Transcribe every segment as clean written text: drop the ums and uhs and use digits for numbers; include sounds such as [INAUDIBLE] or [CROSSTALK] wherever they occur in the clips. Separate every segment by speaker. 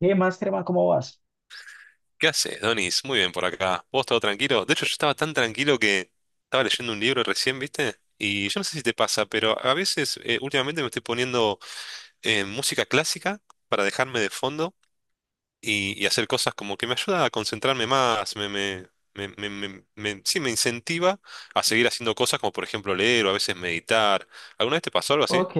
Speaker 1: ¿Qué más, Germán? ¿Cómo vas?
Speaker 2: ¿Qué haces, Donis? Muy bien por acá. ¿Vos todo tranquilo? De hecho, yo estaba tan tranquilo que estaba leyendo un libro recién, ¿viste? Y yo no sé si te pasa, pero a veces últimamente me estoy poniendo música clásica para dejarme de fondo y hacer cosas como que me ayuda a concentrarme más, sí, me incentiva a seguir haciendo cosas como por ejemplo leer o a veces meditar. ¿Alguna vez te pasó algo así?
Speaker 1: Ok,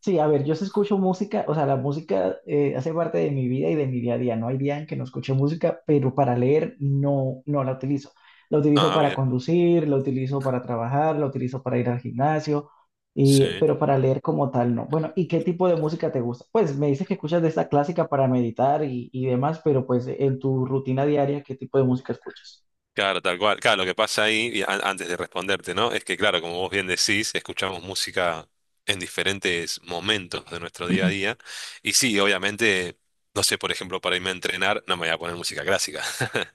Speaker 1: sí, a ver, yo sí escucho música, o sea, la música hace parte de mi vida y de mi día a día. No hay día en que no escuche música, pero para leer no, no la utilizo. La utilizo
Speaker 2: Ah,
Speaker 1: para
Speaker 2: bien.
Speaker 1: conducir, la utilizo para trabajar, la utilizo para ir al gimnasio, y,
Speaker 2: Sí.
Speaker 1: pero para leer como tal no. Bueno, ¿y qué tipo de música te gusta? Pues me dices que escuchas de esta clásica para meditar y demás, pero pues en tu rutina diaria, ¿qué tipo de música escuchas?
Speaker 2: Claro, tal cual. Claro, lo que pasa ahí, y antes de responderte, ¿no? Es que, claro, como vos bien decís, escuchamos música en diferentes momentos de nuestro día a día. Y sí, obviamente, no sé, por ejemplo, para irme a entrenar, no me voy a poner música clásica.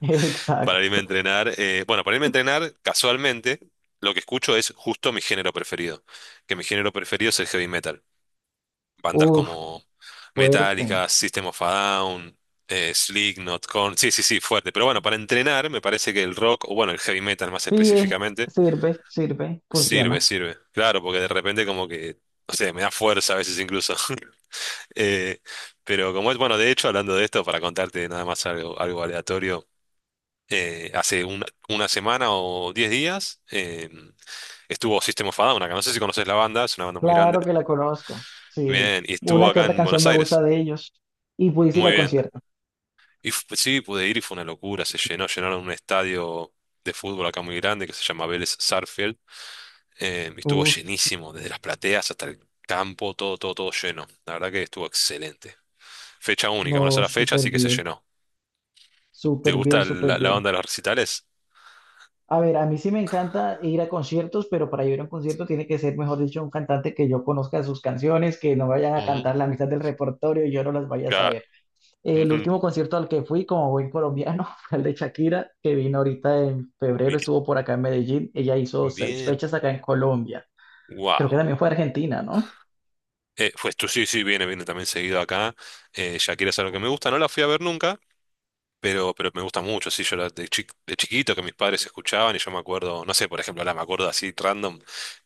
Speaker 1: [LAUGHS]
Speaker 2: Para irme a
Speaker 1: Exacto.
Speaker 2: entrenar, bueno, para irme a entrenar, casualmente, lo que escucho es justo mi género preferido. Que mi género preferido es el heavy metal bandas
Speaker 1: Uf,
Speaker 2: como
Speaker 1: fuerte.
Speaker 2: Metallica, System of a Down, Slipknot, Korn. Sí, sí, sí, fuerte. Pero bueno, para entrenar me parece que el rock, o bueno, el heavy metal más
Speaker 1: Sí,
Speaker 2: específicamente,
Speaker 1: sirve, sirve,
Speaker 2: sirve,
Speaker 1: funciona.
Speaker 2: sirve. Claro, porque de repente como que, no sé, me da fuerza a veces incluso. [LAUGHS] Eh, pero como es, bueno, de hecho, hablando de esto, para contarte nada más algo, algo aleatorio. Hace una semana o 10 días estuvo System of a Down acá. No sé si conoces la banda, es una banda muy grande.
Speaker 1: Claro que la conozco. Sí,
Speaker 2: Bien, y estuvo
Speaker 1: una que
Speaker 2: acá
Speaker 1: otra
Speaker 2: en
Speaker 1: canción
Speaker 2: Buenos
Speaker 1: me gusta
Speaker 2: Aires.
Speaker 1: de ellos. Y pude ir
Speaker 2: Muy
Speaker 1: al
Speaker 2: bien.
Speaker 1: concierto.
Speaker 2: Y sí, pude ir y fue una locura. Se llenó, llenaron un estadio de fútbol acá muy grande que se llama Vélez Sarsfield. Y estuvo
Speaker 1: Uf,
Speaker 2: llenísimo, desde las plateas hasta el campo, todo, todo, todo lleno. La verdad que estuvo excelente. Fecha única, una
Speaker 1: no,
Speaker 2: sola fecha,
Speaker 1: súper
Speaker 2: así que se
Speaker 1: bien,
Speaker 2: llenó. ¿Te
Speaker 1: súper bien,
Speaker 2: gusta
Speaker 1: súper
Speaker 2: la,
Speaker 1: bien.
Speaker 2: onda de los recitales?
Speaker 1: A ver, a mí sí me encanta ir a conciertos, pero para ir a un concierto tiene que ser, mejor dicho, un cantante que yo conozca sus canciones, que no vayan a
Speaker 2: Ujú.
Speaker 1: cantar la mitad del repertorio y yo no las vaya a
Speaker 2: Claro.
Speaker 1: saber. El
Speaker 2: Ujú.
Speaker 1: último concierto al que fui como buen colombiano [LAUGHS] fue el de Shakira, que vino ahorita en febrero,
Speaker 2: Bien.
Speaker 1: estuvo por acá en Medellín. Ella hizo seis
Speaker 2: Bien.
Speaker 1: fechas acá en Colombia. Creo que
Speaker 2: Wow.
Speaker 1: también fue a Argentina, ¿no?
Speaker 2: Pues tú sí, sí, viene, viene también seguido acá. Shakira es algo que me gusta, no la fui a ver nunca. Pero me gusta mucho, sí, yo era de chiquito que mis padres escuchaban y yo me acuerdo, no sé, por ejemplo, ahora me acuerdo así random,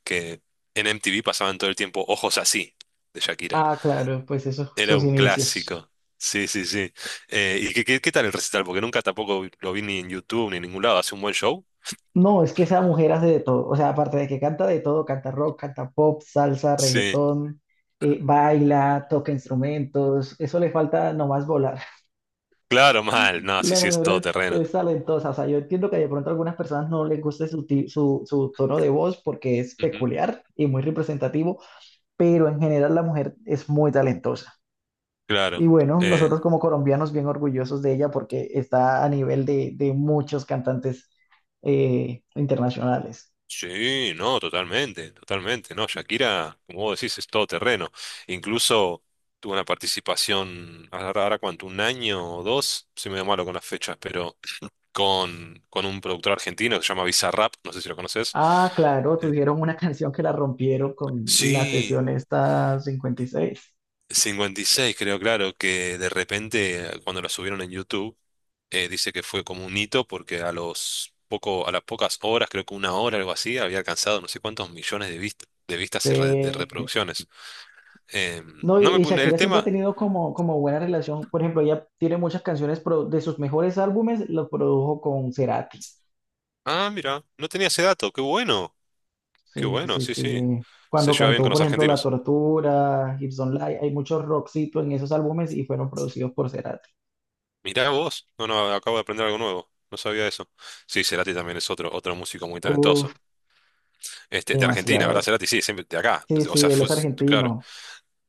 Speaker 2: que en MTV pasaban todo el tiempo Ojos así, de Shakira.
Speaker 1: Ah, claro, pues esos
Speaker 2: Era
Speaker 1: sus
Speaker 2: un
Speaker 1: inicios.
Speaker 2: clásico. Sí, sí, sí. ¿Y qué, qué tal el recital? Porque nunca tampoco lo vi ni en YouTube ni en ningún lado. ¿Hace un buen show?
Speaker 1: No, es que esa mujer hace de todo. O sea, aparte de que canta de todo, canta rock, canta pop, salsa,
Speaker 2: Sí.
Speaker 1: reggaetón, baila, toca instrumentos. Eso le falta nomás volar.
Speaker 2: Claro, mal. No, sí,
Speaker 1: La
Speaker 2: sí, es todo
Speaker 1: mujer es,
Speaker 2: terreno.
Speaker 1: es talentosa, o sea, yo entiendo que de pronto a algunas personas no les guste su, su tono de voz porque es
Speaker 2: Ujú,
Speaker 1: peculiar y muy representativo, pero en general la mujer es muy talentosa. Y
Speaker 2: claro.
Speaker 1: bueno,
Speaker 2: Eh,
Speaker 1: nosotros como colombianos bien orgullosos de ella porque está a nivel de muchos cantantes internacionales.
Speaker 2: sí, no, totalmente, totalmente, no, Shakira, como vos decís, es todo terreno. Incluso tuvo una participación, ahora, cuánto, un año o dos, soy medio malo con las fechas, pero con un productor argentino que se llama Bizarrap, no sé si lo conoces.
Speaker 1: Ah, claro,
Speaker 2: Eh,
Speaker 1: tuvieron una [LAUGHS] canción que la rompieron con la
Speaker 2: Sí,
Speaker 1: sesión esta 56.
Speaker 2: 56, creo, claro, que de repente cuando la subieron en YouTube, dice que fue como un hito porque a las pocas horas, creo que una hora, algo así, había alcanzado no sé cuántos millones de vistas, de reproducciones.
Speaker 1: No, y,
Speaker 2: No me
Speaker 1: y
Speaker 2: pone el
Speaker 1: Shakira siempre ha
Speaker 2: tema.
Speaker 1: tenido como, como buena relación. Por ejemplo, ella tiene muchas canciones de sus mejores álbumes, los produjo con Cerati.
Speaker 2: Ah, mira, no tenía ese dato. Qué
Speaker 1: Sí,
Speaker 2: bueno,
Speaker 1: sí,
Speaker 2: sí, sí.
Speaker 1: sí.
Speaker 2: Se
Speaker 1: Cuando
Speaker 2: lleva bien con
Speaker 1: cantó, por
Speaker 2: los
Speaker 1: ejemplo, La
Speaker 2: argentinos.
Speaker 1: Tortura, Hips Don't Lie, hay muchos rockcitos en esos álbumes y fueron producidos por Cerati.
Speaker 2: Mirá vos. No, no, acabo de aprender algo nuevo. No sabía eso. Sí, Cerati también es otro músico muy
Speaker 1: Uf,
Speaker 2: talentoso. Este, de Argentina, ¿verdad,
Speaker 1: demasiado.
Speaker 2: Cerati? Sí, siempre de acá.
Speaker 1: Sí,
Speaker 2: O
Speaker 1: sí,
Speaker 2: sea,
Speaker 1: él
Speaker 2: fue,
Speaker 1: es
Speaker 2: claro.
Speaker 1: argentino.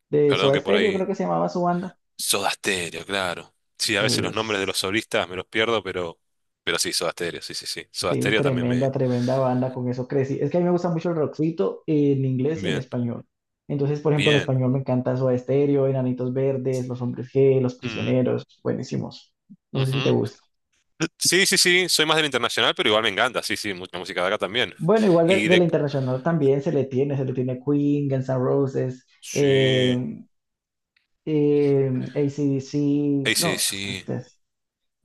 Speaker 1: De
Speaker 2: Perdón
Speaker 1: Soda
Speaker 2: que por
Speaker 1: Stereo
Speaker 2: ahí.
Speaker 1: creo que se llamaba su banda.
Speaker 2: Soda Stereo, claro. Sí, a veces
Speaker 1: Sí.
Speaker 2: los nombres de los solistas me los pierdo, pero sí, Soda Stereo, sí, sí, sí. Soda
Speaker 1: Sí,
Speaker 2: Stereo también
Speaker 1: tremenda,
Speaker 2: me.
Speaker 1: tremenda banda, con eso crecí. Es que a mí me gusta mucho el rockcito en inglés y en
Speaker 2: Bien,
Speaker 1: español. Entonces, por ejemplo, en
Speaker 2: bien.
Speaker 1: español me encanta Soda Stereo, Enanitos Verdes, Los Hombres G, Los
Speaker 2: Mm,
Speaker 1: Prisioneros, buenísimos. No sé si te
Speaker 2: ujú.
Speaker 1: gusta.
Speaker 2: Sí, sí, sí, soy más del internacional, pero igual me encanta, sí, sí, mucha música de acá también.
Speaker 1: Bueno, igual
Speaker 2: Y
Speaker 1: de la
Speaker 2: de...
Speaker 1: internacional también se le tiene Queen, Guns N' Roses,
Speaker 2: Sí,
Speaker 1: eh, eh, AC/DC,
Speaker 2: sí,
Speaker 1: no, pues
Speaker 2: sí,
Speaker 1: este,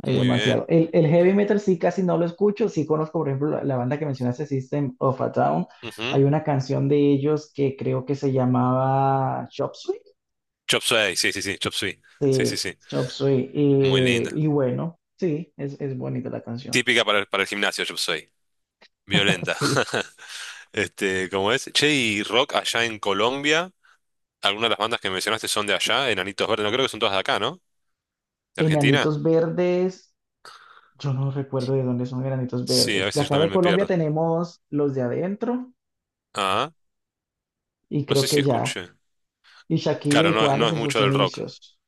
Speaker 1: hay
Speaker 2: muy
Speaker 1: demasiado.
Speaker 2: bien.
Speaker 1: El heavy metal sí casi no lo escucho. Sí conozco, por ejemplo, la banda que mencionaste, System of a Down.
Speaker 2: Ujú.
Speaker 1: Hay una canción de ellos que creo que se llamaba Chop Suey.
Speaker 2: Chop Suey, sí, sí, sí, Chop Suey, sí, sí,
Speaker 1: Sí,
Speaker 2: sí,
Speaker 1: Chop Suey.
Speaker 2: muy linda.
Speaker 1: Y bueno, sí, es bonita la canción.
Speaker 2: Típica para el, gimnasio, Chop Suey,
Speaker 1: [LAUGHS]
Speaker 2: violenta.
Speaker 1: Sí.
Speaker 2: [LAUGHS] Este, ¿cómo es? Che, y rock allá en Colombia, algunas de las bandas que mencionaste son de allá, Enanitos Verdes, no creo que son todas de acá, ¿no? ¿De Argentina?
Speaker 1: Enanitos Verdes. Yo no recuerdo de dónde son Enanitos
Speaker 2: Sí, a
Speaker 1: Verdes. De
Speaker 2: veces yo
Speaker 1: acá de
Speaker 2: también me
Speaker 1: Colombia
Speaker 2: pierdo.
Speaker 1: tenemos los de adentro
Speaker 2: Ah,
Speaker 1: y
Speaker 2: no sé
Speaker 1: creo
Speaker 2: si
Speaker 1: que ya.
Speaker 2: escuché.
Speaker 1: Y Shakira
Speaker 2: Claro,
Speaker 1: y
Speaker 2: no, no
Speaker 1: Juanes
Speaker 2: es
Speaker 1: en sus
Speaker 2: mucho del rock,
Speaker 1: inicios.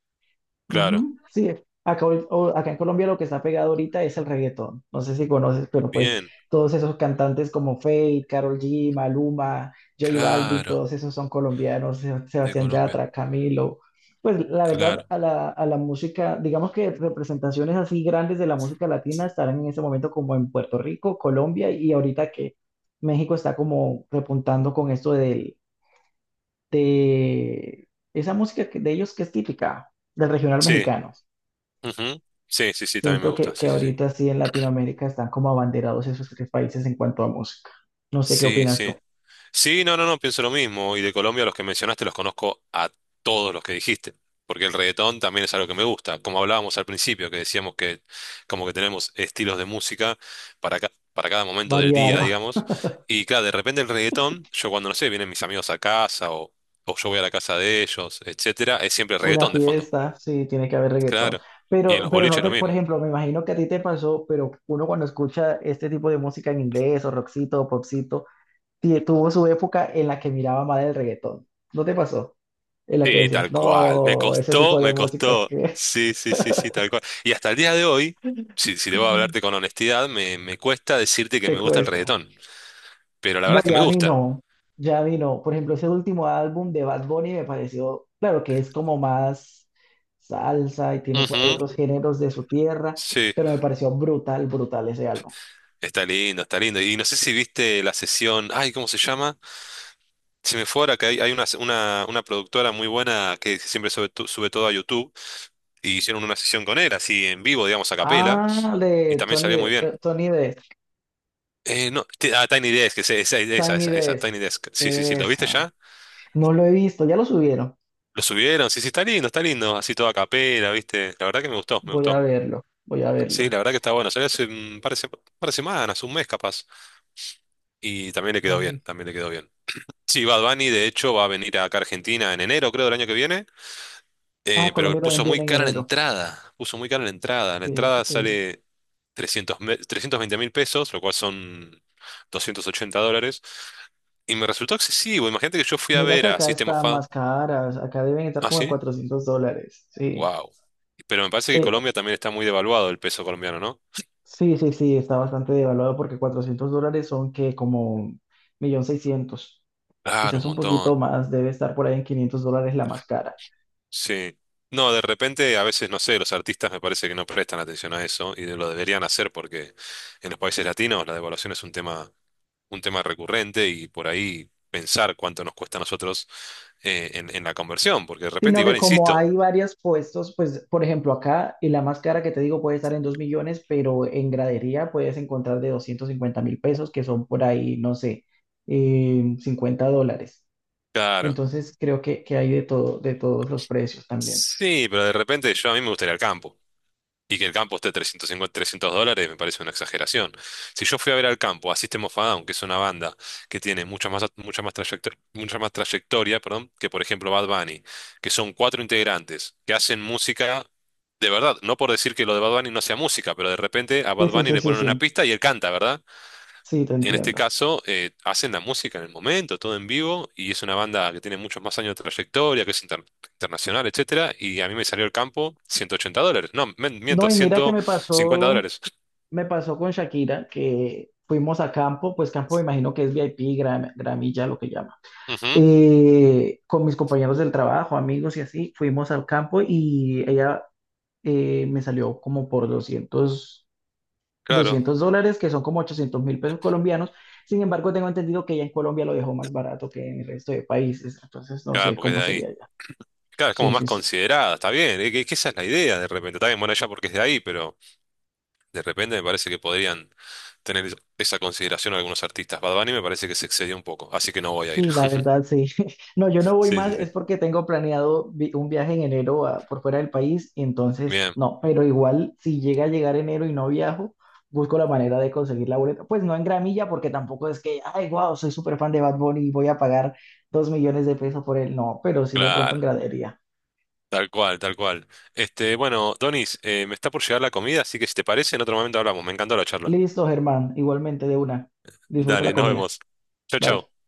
Speaker 2: claro.
Speaker 1: Ujú. Sí, acá en Colombia lo que está pegado ahorita es el reggaetón. No sé si conoces, pero pues
Speaker 2: Bien,
Speaker 1: todos esos cantantes como Feid, Karol G, Maluma, J Balvin,
Speaker 2: claro.
Speaker 1: todos esos son colombianos,
Speaker 2: De
Speaker 1: Sebastián
Speaker 2: Colombia.
Speaker 1: Yatra, Camilo. Pues la verdad,
Speaker 2: Claro.
Speaker 1: a a la música, digamos que representaciones así grandes de la música latina estarán en ese momento como en Puerto Rico, Colombia y ahorita que México está como repuntando con esto de esa música que- de ellos que es típica del regional
Speaker 2: Sí.
Speaker 1: mexicano.
Speaker 2: Ujú. Sí, sí, sí, también me
Speaker 1: Siento
Speaker 2: gusta.
Speaker 1: que
Speaker 2: Sí, sí, sí.
Speaker 1: ahorita sí en Latinoamérica están como abanderados esos tres países en cuanto a música. No sé qué
Speaker 2: Sí,
Speaker 1: opinas tú.
Speaker 2: sí. Sí, no, no, no, pienso lo mismo. Y de Colombia los que mencionaste los conozco a todos los que dijiste. Porque el reggaetón también es algo que me gusta. Como hablábamos al principio, que decíamos que como que tenemos estilos de música para, para cada momento del día,
Speaker 1: Variado,
Speaker 2: digamos. Y claro, de repente el reggaetón, yo cuando no sé, vienen mis amigos a casa o, yo voy a la casa de ellos, etcétera, es siempre
Speaker 1: [LAUGHS] una
Speaker 2: reggaetón de fondo.
Speaker 1: fiesta, sí, tiene que haber reggaetón.
Speaker 2: Claro. Y en los
Speaker 1: Pero no
Speaker 2: boliches lo
Speaker 1: te, por
Speaker 2: mismo.
Speaker 1: ejemplo, me imagino que a ti te pasó, pero uno cuando escucha este tipo de música en inglés o rockcito o popcito, tuvo su época en la que miraba mal el reggaetón. ¿No te pasó? En la que
Speaker 2: Sí,
Speaker 1: decías,
Speaker 2: tal cual. Me
Speaker 1: no, ese
Speaker 2: costó,
Speaker 1: tipo de
Speaker 2: me
Speaker 1: música
Speaker 2: costó.
Speaker 1: que
Speaker 2: Sí, sí, sí, sí, tal cual. Y hasta el día de hoy, si debo hablarte
Speaker 1: [LAUGHS]
Speaker 2: con honestidad, me cuesta decirte que
Speaker 1: te
Speaker 2: me gusta el
Speaker 1: cuesta.
Speaker 2: reggaetón. Pero la verdad
Speaker 1: No,
Speaker 2: es que me
Speaker 1: ya a mí
Speaker 2: gusta.
Speaker 1: no, ya a mí no. Por ejemplo, ese último álbum de Bad Bunny me pareció, claro que es como más salsa y tiene por ahí
Speaker 2: Ujú,
Speaker 1: otros géneros de su tierra,
Speaker 2: sí,
Speaker 1: pero me pareció brutal, brutal ese álbum.
Speaker 2: está lindo, está lindo. Y no sé si viste la sesión, ay, ¿cómo se llama? Se me fue ahora que hay una productora muy buena que siempre sube todo a YouTube. Y hicieron una sesión con él, así en vivo, digamos, a capela.
Speaker 1: Ah,
Speaker 2: Y también salió muy
Speaker 1: De,
Speaker 2: bien.
Speaker 1: Tony Desk,
Speaker 2: No, ah, Tiny Desk, esa, esa, esa,
Speaker 1: Tiny
Speaker 2: esa, esa,
Speaker 1: Desk,
Speaker 2: Tiny Desk. Sí, sí, sí, ¿lo viste
Speaker 1: esa.
Speaker 2: ya?
Speaker 1: No lo he visto, ya lo subieron.
Speaker 2: Lo subieron, sí, sí, está lindo, así toda capela, ¿viste? La verdad que me gustó, me
Speaker 1: Voy a
Speaker 2: gustó.
Speaker 1: verlo, voy a
Speaker 2: Sí,
Speaker 1: verlo.
Speaker 2: la verdad que está bueno, salió hace un par de semanas, un mes capaz, y también le quedó
Speaker 1: Ay.
Speaker 2: bien, también le quedó bien. Sí, Bad Bunny de hecho va a venir acá a Argentina en enero, creo, del año que viene,
Speaker 1: Ah,
Speaker 2: pero
Speaker 1: Colombia también
Speaker 2: puso muy
Speaker 1: viene en
Speaker 2: cara la
Speaker 1: enero.
Speaker 2: entrada, puso muy cara la entrada. La
Speaker 1: Sí, sí,
Speaker 2: entrada
Speaker 1: sí.
Speaker 2: sale 320.000 pesos, lo cual son $280, y me resultó excesivo. Imagínate que yo fui a
Speaker 1: Mira que
Speaker 2: ver a
Speaker 1: acá
Speaker 2: System of
Speaker 1: están
Speaker 2: a...
Speaker 1: más caras, acá deben estar
Speaker 2: ¿Ah,
Speaker 1: como en
Speaker 2: sí?
Speaker 1: $400, sí.
Speaker 2: Wow. Pero me parece que
Speaker 1: Pe-
Speaker 2: Colombia también está muy devaluado el peso colombiano, ¿no?
Speaker 1: sí, sí, sí, está bastante devaluado porque $400 son que como 1.600.000,
Speaker 2: Claro,
Speaker 1: quizás
Speaker 2: un
Speaker 1: un poquito
Speaker 2: montón.
Speaker 1: más, debe estar por ahí en $500 la más cara.
Speaker 2: Sí. No, de repente a veces, no sé, los artistas me parece que no prestan atención a eso y lo deberían hacer porque en los países latinos la devaluación es un tema recurrente y por ahí pensar cuánto nos cuesta a nosotros en, la conversión, porque de repente
Speaker 1: Sino que
Speaker 2: igual
Speaker 1: como
Speaker 2: insisto.
Speaker 1: hay varios puestos, pues por ejemplo acá, y la más cara que te digo puede estar en 2.000.000, pero en gradería puedes encontrar de 250.000 pesos, que son por ahí, no sé, $50.
Speaker 2: Claro.
Speaker 1: Entonces creo que hay de todo, de todos los precios también.
Speaker 2: Sí, pero de repente yo a mí me gustaría el campo. Y que el campo esté 350, $300 me parece una exageración. Si yo fui a ver al campo a System of a Down, que es una banda que tiene mucha más trayectoria, perdón, que por ejemplo Bad Bunny, que son cuatro integrantes que hacen música de verdad, no por decir que lo de Bad Bunny no sea música, pero de repente a
Speaker 1: Sí,
Speaker 2: Bad
Speaker 1: sí,
Speaker 2: Bunny
Speaker 1: sí,
Speaker 2: le
Speaker 1: sí,
Speaker 2: ponen una
Speaker 1: sí,
Speaker 2: pista y él canta, ¿verdad?
Speaker 1: sí, te
Speaker 2: En este
Speaker 1: entiendo.
Speaker 2: caso, hacen la música en el momento, todo en vivo, y es una banda que tiene muchos más años de trayectoria, que es internacional, etcétera, y a mí me salió el campo $180. No,
Speaker 1: No,
Speaker 2: miento,
Speaker 1: y mira que me
Speaker 2: 150
Speaker 1: pasó.
Speaker 2: dólares.
Speaker 1: Me pasó con Shakira, que fuimos a campo, pues campo me imagino que es VIP, gramilla, lo que llama.
Speaker 2: Ujú,
Speaker 1: Con mis compañeros del trabajo, amigos y así, fuimos al campo y ella me salió como por doscientos,
Speaker 2: claro,
Speaker 1: doscientos dólares, que son como 800.000 pesos colombianos. Sin embargo, tengo entendido que ella en Colombia lo dejó más barato que en el resto de países, entonces no
Speaker 2: claro,
Speaker 1: sé
Speaker 2: porque es
Speaker 1: cómo
Speaker 2: de ahí.
Speaker 1: sería ya.
Speaker 2: Claro, es como
Speaker 1: Sí,
Speaker 2: más
Speaker 1: sí, sí.
Speaker 2: considerada, está bien, es que esa es la idea de repente. Está bien, bueno, ya porque es de ahí, pero de repente me parece que podrían tener esa consideración algunos artistas. Bad Bunny me parece que se excedió un poco, así que no voy a ir.
Speaker 1: Sí, la
Speaker 2: [LAUGHS]
Speaker 1: verdad, sí. [LAUGHS] No, yo no voy
Speaker 2: Sí,
Speaker 1: más,
Speaker 2: sí,
Speaker 1: es
Speaker 2: sí.
Speaker 1: porque tengo planeado un viaje en enero por fuera del país, entonces
Speaker 2: Bien,
Speaker 1: no, pero igual si llega a llegar enero y no viajo, busco la manera de conseguir la boleta. Pues no en gramilla, porque tampoco es que, ay, wow, soy súper fan de Bad Bunny y voy a pagar 2.000.000 de pesos por él. No, pero sí de pronto en
Speaker 2: claro.
Speaker 1: gradería.
Speaker 2: Tal cual, tal cual. Este, bueno, Donis, me está por llegar la comida, así que si te parece, en otro momento hablamos. Me encantó la charla.
Speaker 1: Listo, Germán, igualmente de una. Disfruta la
Speaker 2: Dale, nos
Speaker 1: comida.
Speaker 2: vemos. Chau,
Speaker 1: Bye.
Speaker 2: chau.